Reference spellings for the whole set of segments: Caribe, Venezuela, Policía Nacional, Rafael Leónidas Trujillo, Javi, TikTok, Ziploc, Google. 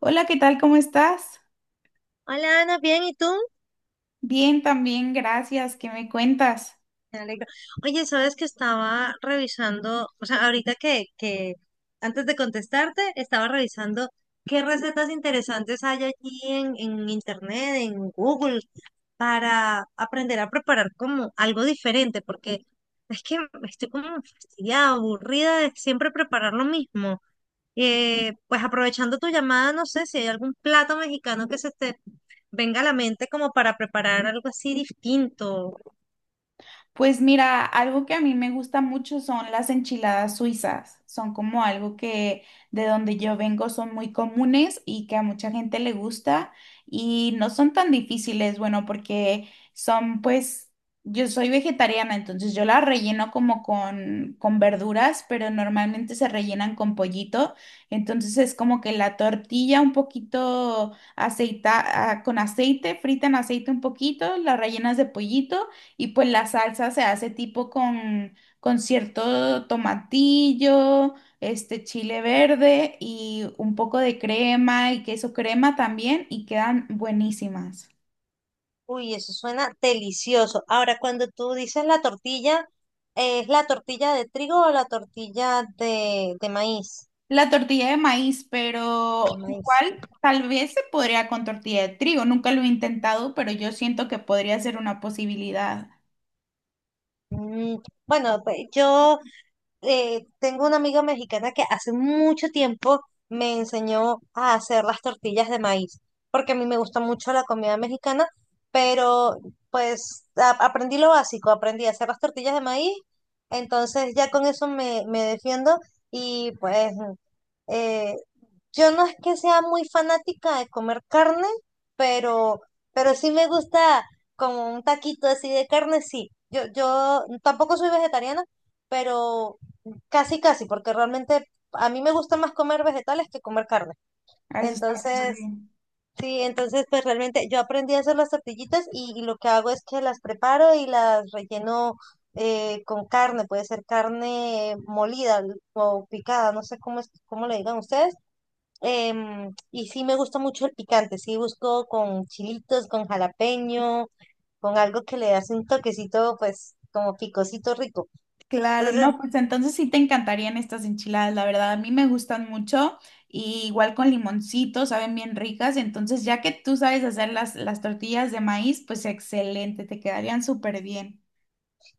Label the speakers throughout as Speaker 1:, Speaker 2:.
Speaker 1: Hola, ¿qué tal? ¿Cómo estás?
Speaker 2: Hola Ana, bien, ¿y tú?
Speaker 1: Bien, también, gracias. ¿Qué me cuentas?
Speaker 2: Me alegro. Oye, sabes que estaba revisando, o sea, ahorita que antes de contestarte, estaba revisando qué recetas interesantes hay allí en internet, en Google, para aprender a preparar como algo diferente, porque es que estoy como fastidiada, aburrida de siempre preparar lo mismo. Pues aprovechando tu llamada, no sé si hay algún plato mexicano que se te venga a la mente como para preparar algo así distinto.
Speaker 1: Pues mira, algo que a mí me gusta mucho son las enchiladas suizas. Son como algo que de donde yo vengo son muy comunes y que a mucha gente le gusta y no son tan difíciles, bueno, porque son pues, yo soy vegetariana, entonces yo las relleno como con verduras, pero normalmente se rellenan con pollito. Entonces es como que la tortilla un poquito aceita, ah, con aceite, frita en aceite un poquito, la rellenas de pollito. Y pues la salsa se hace tipo con cierto tomatillo, este chile verde y un poco de crema y queso crema también y quedan buenísimas.
Speaker 2: Uy, eso suena delicioso. Ahora, cuando tú dices la tortilla, ¿es la tortilla de trigo o la tortilla de maíz?
Speaker 1: La tortilla de maíz,
Speaker 2: De
Speaker 1: pero
Speaker 2: maíz.
Speaker 1: igual tal vez se podría con tortilla de trigo. Nunca lo he intentado, pero yo siento que podría ser una posibilidad.
Speaker 2: Mm, bueno, pues yo tengo una amiga mexicana que hace mucho tiempo me enseñó a hacer las tortillas de maíz, porque a mí me gusta mucho la comida mexicana, pero pues aprendí lo básico, aprendí a hacer las tortillas de maíz, entonces ya con eso me defiendo y pues eh, yo no es que sea muy fanática de comer carne, pero, pero, sí me gusta como un taquito así de carne, sí. Yo tampoco soy vegetariana, pero casi, casi, porque realmente a mí me gusta más comer vegetales que comer carne.
Speaker 1: Ah, eso está súper
Speaker 2: Entonces,
Speaker 1: bien.
Speaker 2: sí, entonces pues realmente yo aprendí a hacer las tortillitas y lo que hago es que las preparo y las relleno, con carne, puede ser carne molida o picada, no sé cómo es, cómo le digan ustedes. Y sí me gusta mucho el picante, sí busco con chilitos, con jalapeño, con algo que le hace un toquecito, pues como picosito rico.
Speaker 1: Claro,
Speaker 2: Entonces,
Speaker 1: no, pues entonces sí te encantarían estas enchiladas, la verdad, a mí me gustan mucho y igual con limoncito, saben bien ricas, entonces ya que tú sabes hacer las tortillas de maíz, pues excelente, te quedarían súper bien.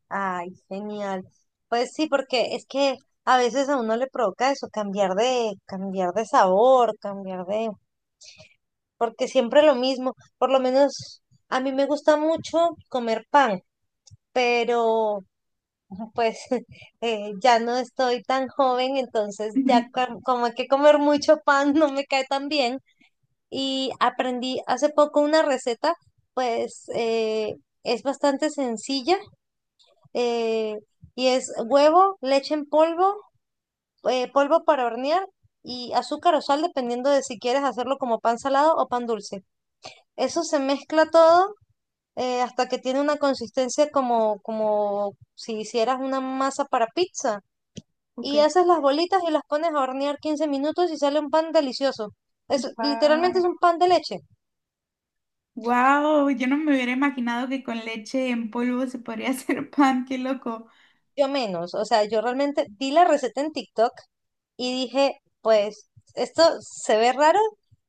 Speaker 2: ay, genial. Pues sí, porque es que a veces a uno le provoca eso, cambiar de sabor, porque siempre lo mismo. Por lo menos a mí me gusta mucho comer pan, pero pues ya no estoy tan joven, entonces ya como que comer mucho pan no me cae tan bien. Y aprendí hace poco una receta, pues es bastante sencilla, eh, y es huevo, leche en polvo, polvo para hornear y azúcar o sal, dependiendo de si quieres hacerlo como pan salado o pan dulce. Eso se mezcla todo hasta que tiene una consistencia como si hicieras una masa para pizza. Y
Speaker 1: Ok.
Speaker 2: haces las bolitas y las pones a hornear 15 minutos y sale un pan delicioso. Es, literalmente
Speaker 1: Wow.
Speaker 2: es un pan de leche.
Speaker 1: Wow, yo no me hubiera imaginado que con leche en polvo se podría hacer pan, qué loco.
Speaker 2: Yo menos, o sea, yo realmente di la receta en TikTok y dije, pues esto se ve raro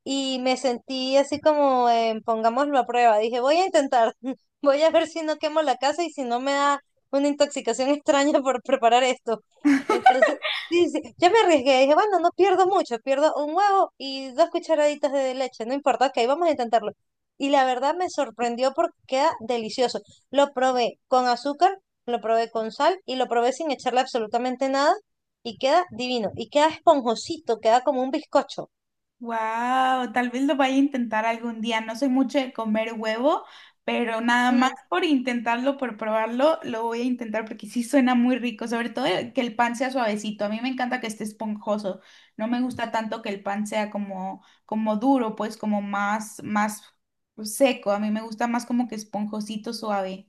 Speaker 2: y me sentí así como en pongámoslo a prueba. Dije, voy a intentar, voy a ver si no quemo la casa y si no me da una intoxicación extraña por preparar esto. Entonces, sí, sí, yo me arriesgué, dije, bueno, no pierdo mucho, pierdo un huevo y 2 cucharaditas de leche, no importa, ok, vamos a intentarlo. Y la verdad me sorprendió porque queda delicioso. Lo probé con azúcar, lo probé con sal y lo probé sin echarle absolutamente nada y queda divino, y queda esponjosito, queda como un bizcocho.
Speaker 1: Wow, tal vez lo vaya a intentar algún día. No soy mucho de comer huevo, pero nada más
Speaker 2: Mm,
Speaker 1: por intentarlo, por probarlo, lo voy a intentar porque sí suena muy rico, sobre todo que el pan sea suavecito. A mí me encanta que esté esponjoso. No me gusta tanto que el pan sea como duro, pues como más seco. A mí me gusta más como que esponjosito, suave.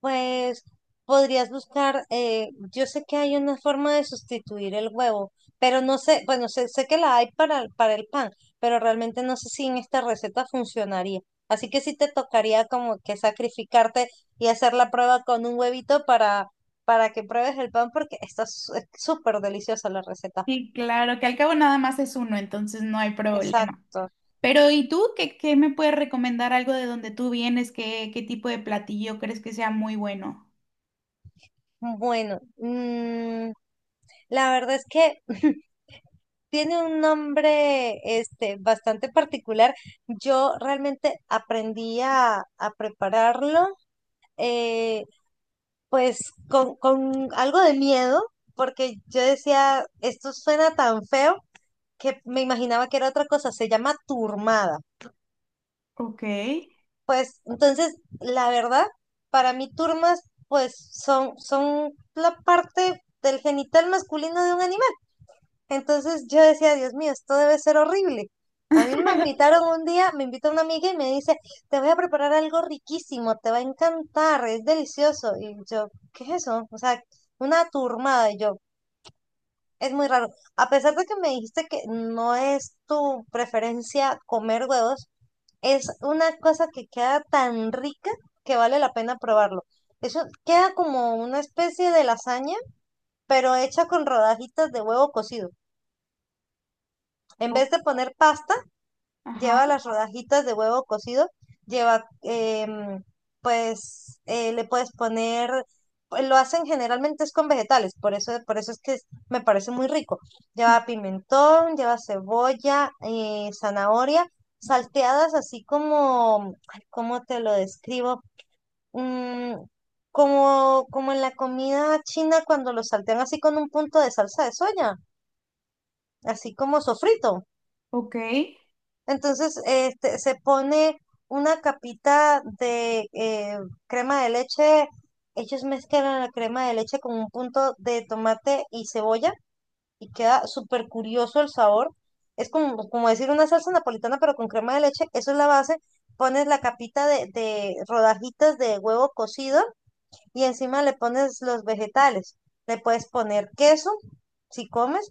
Speaker 2: Pues podrías buscar, yo sé que hay una forma de sustituir el huevo, pero no sé, bueno, sé, que la hay para, para el pan, pero realmente no sé si en esta receta funcionaría. Así que sí te tocaría como que sacrificarte y hacer la prueba con un huevito para que pruebes el pan, porque está es súper deliciosa la receta.
Speaker 1: Sí, claro, que al cabo nada más es uno, entonces no hay problema.
Speaker 2: Exacto.
Speaker 1: Pero, ¿y tú qué, qué me puedes recomendar algo de donde tú vienes? ¿Qué, qué tipo de platillo crees que sea muy bueno?
Speaker 2: Bueno, la verdad es que tiene un nombre este, bastante particular. Yo realmente aprendí a prepararlo, eh, pues con algo de miedo, porque yo decía, esto suena tan feo que me imaginaba que era otra cosa, se llama turmada.
Speaker 1: Ok,
Speaker 2: Pues entonces, la verdad, para mí turmas, pues son la parte del genital masculino de un animal. Entonces yo decía, Dios mío, esto debe ser horrible. A mí me invitaron un día, me invita una amiga y me dice, te voy a preparar algo riquísimo, te va a encantar, es delicioso. Y yo, ¿qué es eso? O sea, una turmada. Y yo, es muy raro. A pesar de que me dijiste que no es tu preferencia comer huevos, es una cosa que queda tan rica que vale la pena probarlo. Eso queda como una especie de lasaña, pero hecha con rodajitas de huevo cocido. En
Speaker 1: o-
Speaker 2: vez de poner pasta,
Speaker 1: ajá,
Speaker 2: lleva las rodajitas de huevo cocido, lleva, pues, le puedes poner, pues, lo hacen generalmente es con vegetales, por eso, es que me parece muy rico. Lleva pimentón, lleva cebolla, zanahoria, salteadas así como, ay, ¿cómo te lo describo? Mm, como en la comida china cuando lo saltean así con un punto de salsa de soya, así como sofrito.
Speaker 1: ok,
Speaker 2: Entonces, este, se pone una capita de crema de leche. Ellos mezclan la crema de leche con un punto de tomate y cebolla y queda súper curioso el sabor. Es como, decir una salsa napolitana, pero con crema de leche. Eso es la base. Pones la capita de rodajitas de huevo cocido y encima le pones los vegetales. Le puedes poner queso si comes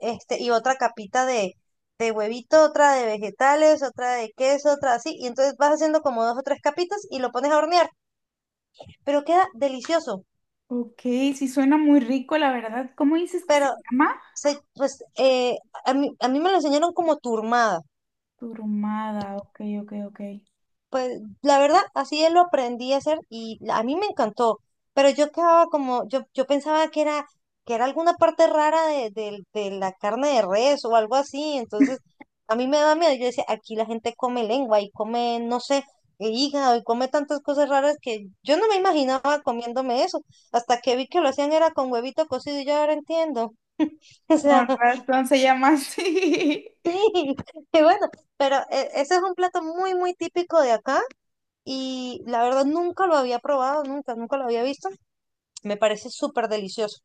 Speaker 2: este, y otra capita de huevito, otra de vegetales, otra de queso, otra así, y entonces vas haciendo como dos o tres capitas y lo pones a hornear, pero queda delicioso,
Speaker 1: ok, sí suena muy rico, la verdad. ¿Cómo dices que se
Speaker 2: pero
Speaker 1: llama?
Speaker 2: se, pues a mí, me lo enseñaron como turmada.
Speaker 1: Turumada, ok, ok, ok.
Speaker 2: Pues la verdad, así él lo aprendí a hacer y a mí me encantó, pero yo quedaba como, yo pensaba que era alguna parte rara de, de la carne de res o algo así, entonces a mí me daba miedo, yo decía, aquí la gente come lengua y come, no sé, hígado y come tantas cosas raras que yo no me imaginaba comiéndome eso, hasta que vi que lo hacían era con huevito cocido y yo ahora entiendo. O sea,
Speaker 1: Con razón se llama así.
Speaker 2: sí. Y bueno, pero ese es un plato muy, muy típico de acá y la verdad nunca lo había probado, nunca, nunca lo había visto. Me parece súper delicioso.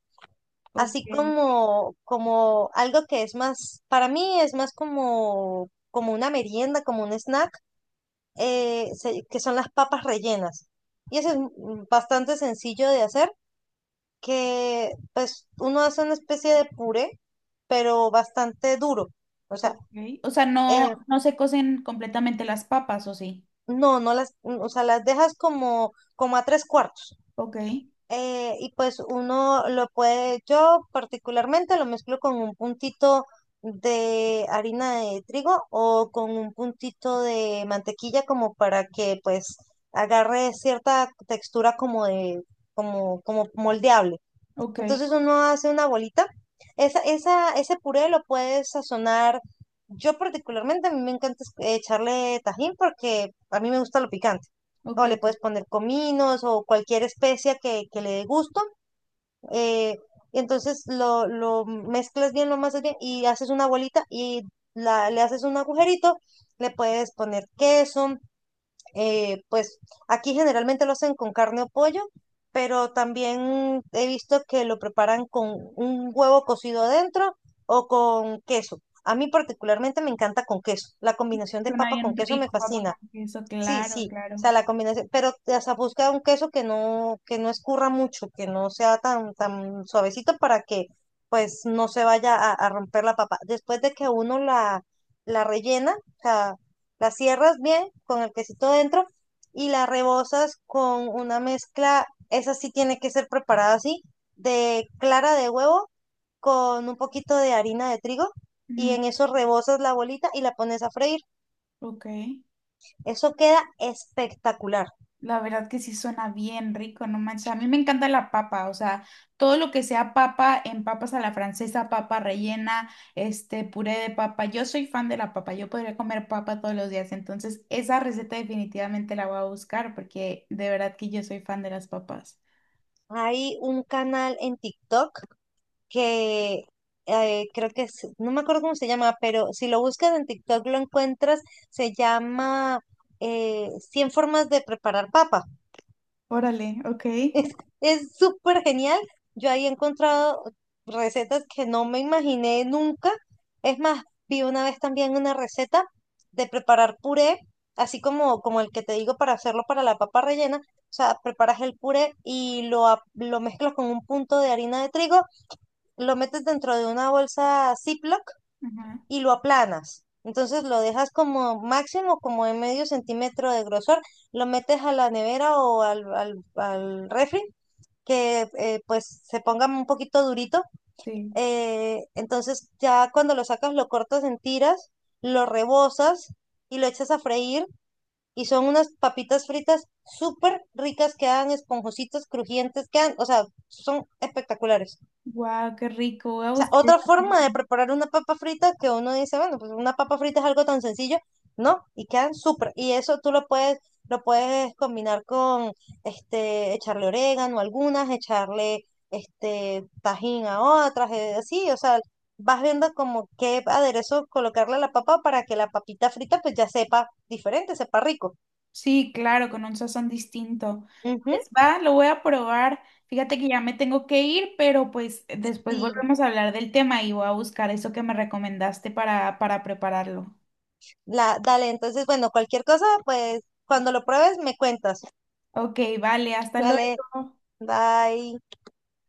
Speaker 1: Ok,
Speaker 2: Así como, como, algo que es más, para mí es más como una merienda, como un snack, que son las papas rellenas. Y eso es, bastante sencillo de hacer, que pues uno hace una especie de puré, pero bastante duro. O sea,
Speaker 1: ok. O sea, no,
Speaker 2: eh,
Speaker 1: no se cocen completamente las papas, ¿o sí?
Speaker 2: no, no las, o sea, las dejas como a tres cuartos.
Speaker 1: Ok,
Speaker 2: Y pues uno lo puede, yo particularmente lo mezclo con un puntito de harina de trigo o con un puntito de mantequilla como para que pues agarre cierta textura como de, como moldeable.
Speaker 1: ok,
Speaker 2: Entonces uno hace una bolita. Ese puré lo puedes sazonar. Yo particularmente, a mí me encanta echarle tajín porque a mí me gusta lo picante. O le
Speaker 1: ok.
Speaker 2: puedes poner cominos o cualquier especia que le dé gusto. eh, y entonces lo mezclas bien, lo amasas bien y haces una bolita y le haces un agujerito. Le puedes poner queso, pues aquí generalmente lo hacen con carne o pollo, pero también he visto que lo preparan con un huevo cocido adentro o con queso. A mí particularmente me encanta con queso. La combinación de
Speaker 1: Suena
Speaker 2: papa con
Speaker 1: bien
Speaker 2: queso me
Speaker 1: rico, papa
Speaker 2: fascina.
Speaker 1: con queso,
Speaker 2: Sí,
Speaker 1: claro,
Speaker 2: sí, o
Speaker 1: claro.
Speaker 2: sea, la combinación, pero o sea, busca un queso que no, escurra mucho, que no sea tan, tan suavecito para que pues no se vaya a romper la papa. Después de que uno la rellena, o sea, la cierras bien con el quesito dentro y la rebozas con una mezcla, esa sí tiene que ser preparada así, de clara de huevo con un poquito de harina de trigo y en eso rebozas la bolita y la pones a freír.
Speaker 1: Ok,
Speaker 2: Eso queda espectacular.
Speaker 1: la verdad que sí suena bien rico, no manches. A mí me encanta la papa, o sea, todo lo que sea papa, en papas a la francesa, papa rellena, este puré de papa. Yo soy fan de la papa, yo podría comer papa todos los días, entonces esa receta definitivamente la voy a buscar porque de verdad que yo soy fan de las papas.
Speaker 2: Hay un canal en TikTok que creo que es, no me acuerdo cómo se llama, pero si lo buscas en TikTok lo encuentras, se llama 100 formas de preparar papas.
Speaker 1: Órale, ok.
Speaker 2: Es, es súper genial. Yo ahí he encontrado recetas que no me imaginé nunca. Es más, vi una vez también una receta de preparar puré, así como, el que te digo para hacerlo para la papa rellena. O sea, preparas el puré y lo mezclas con un punto de harina de trigo, lo metes dentro de una bolsa Ziploc
Speaker 1: Ajá,
Speaker 2: y lo aplanas. Entonces lo dejas como máximo, como en medio centímetro de grosor, lo metes a la nevera o al refri que pues se ponga un poquito durito.
Speaker 1: sí.
Speaker 2: Entonces ya cuando lo sacas lo cortas en tiras, lo rebozas y lo echas a freír y son unas papitas fritas súper ricas, quedan esponjositas, crujientes, quedan, o sea, son espectaculares.
Speaker 1: Wow, qué rico. Voy a
Speaker 2: Sea,
Speaker 1: buscar
Speaker 2: otra
Speaker 1: esa
Speaker 2: forma de
Speaker 1: página.
Speaker 2: preparar una papa frita que uno dice, bueno, pues una papa frita es algo tan sencillo, ¿no? Y quedan súper. Y eso tú lo puedes, combinar con, este, echarle orégano a algunas, echarle, este, tajín a otras, así, o sea, vas viendo como qué aderezo colocarle a la papa para que la papita frita pues ya sepa diferente, sepa rico.
Speaker 1: Sí, claro, con un sazón distinto.
Speaker 2: Ujú,
Speaker 1: Pues va, lo voy a probar. Fíjate que ya me tengo que ir, pero pues después
Speaker 2: sí,
Speaker 1: volvemos a hablar del tema y voy a buscar eso que me recomendaste para prepararlo.
Speaker 2: dale, entonces, bueno, cualquier cosa, pues cuando lo pruebes me cuentas.
Speaker 1: Ok, vale, hasta luego.
Speaker 2: Dale, bye.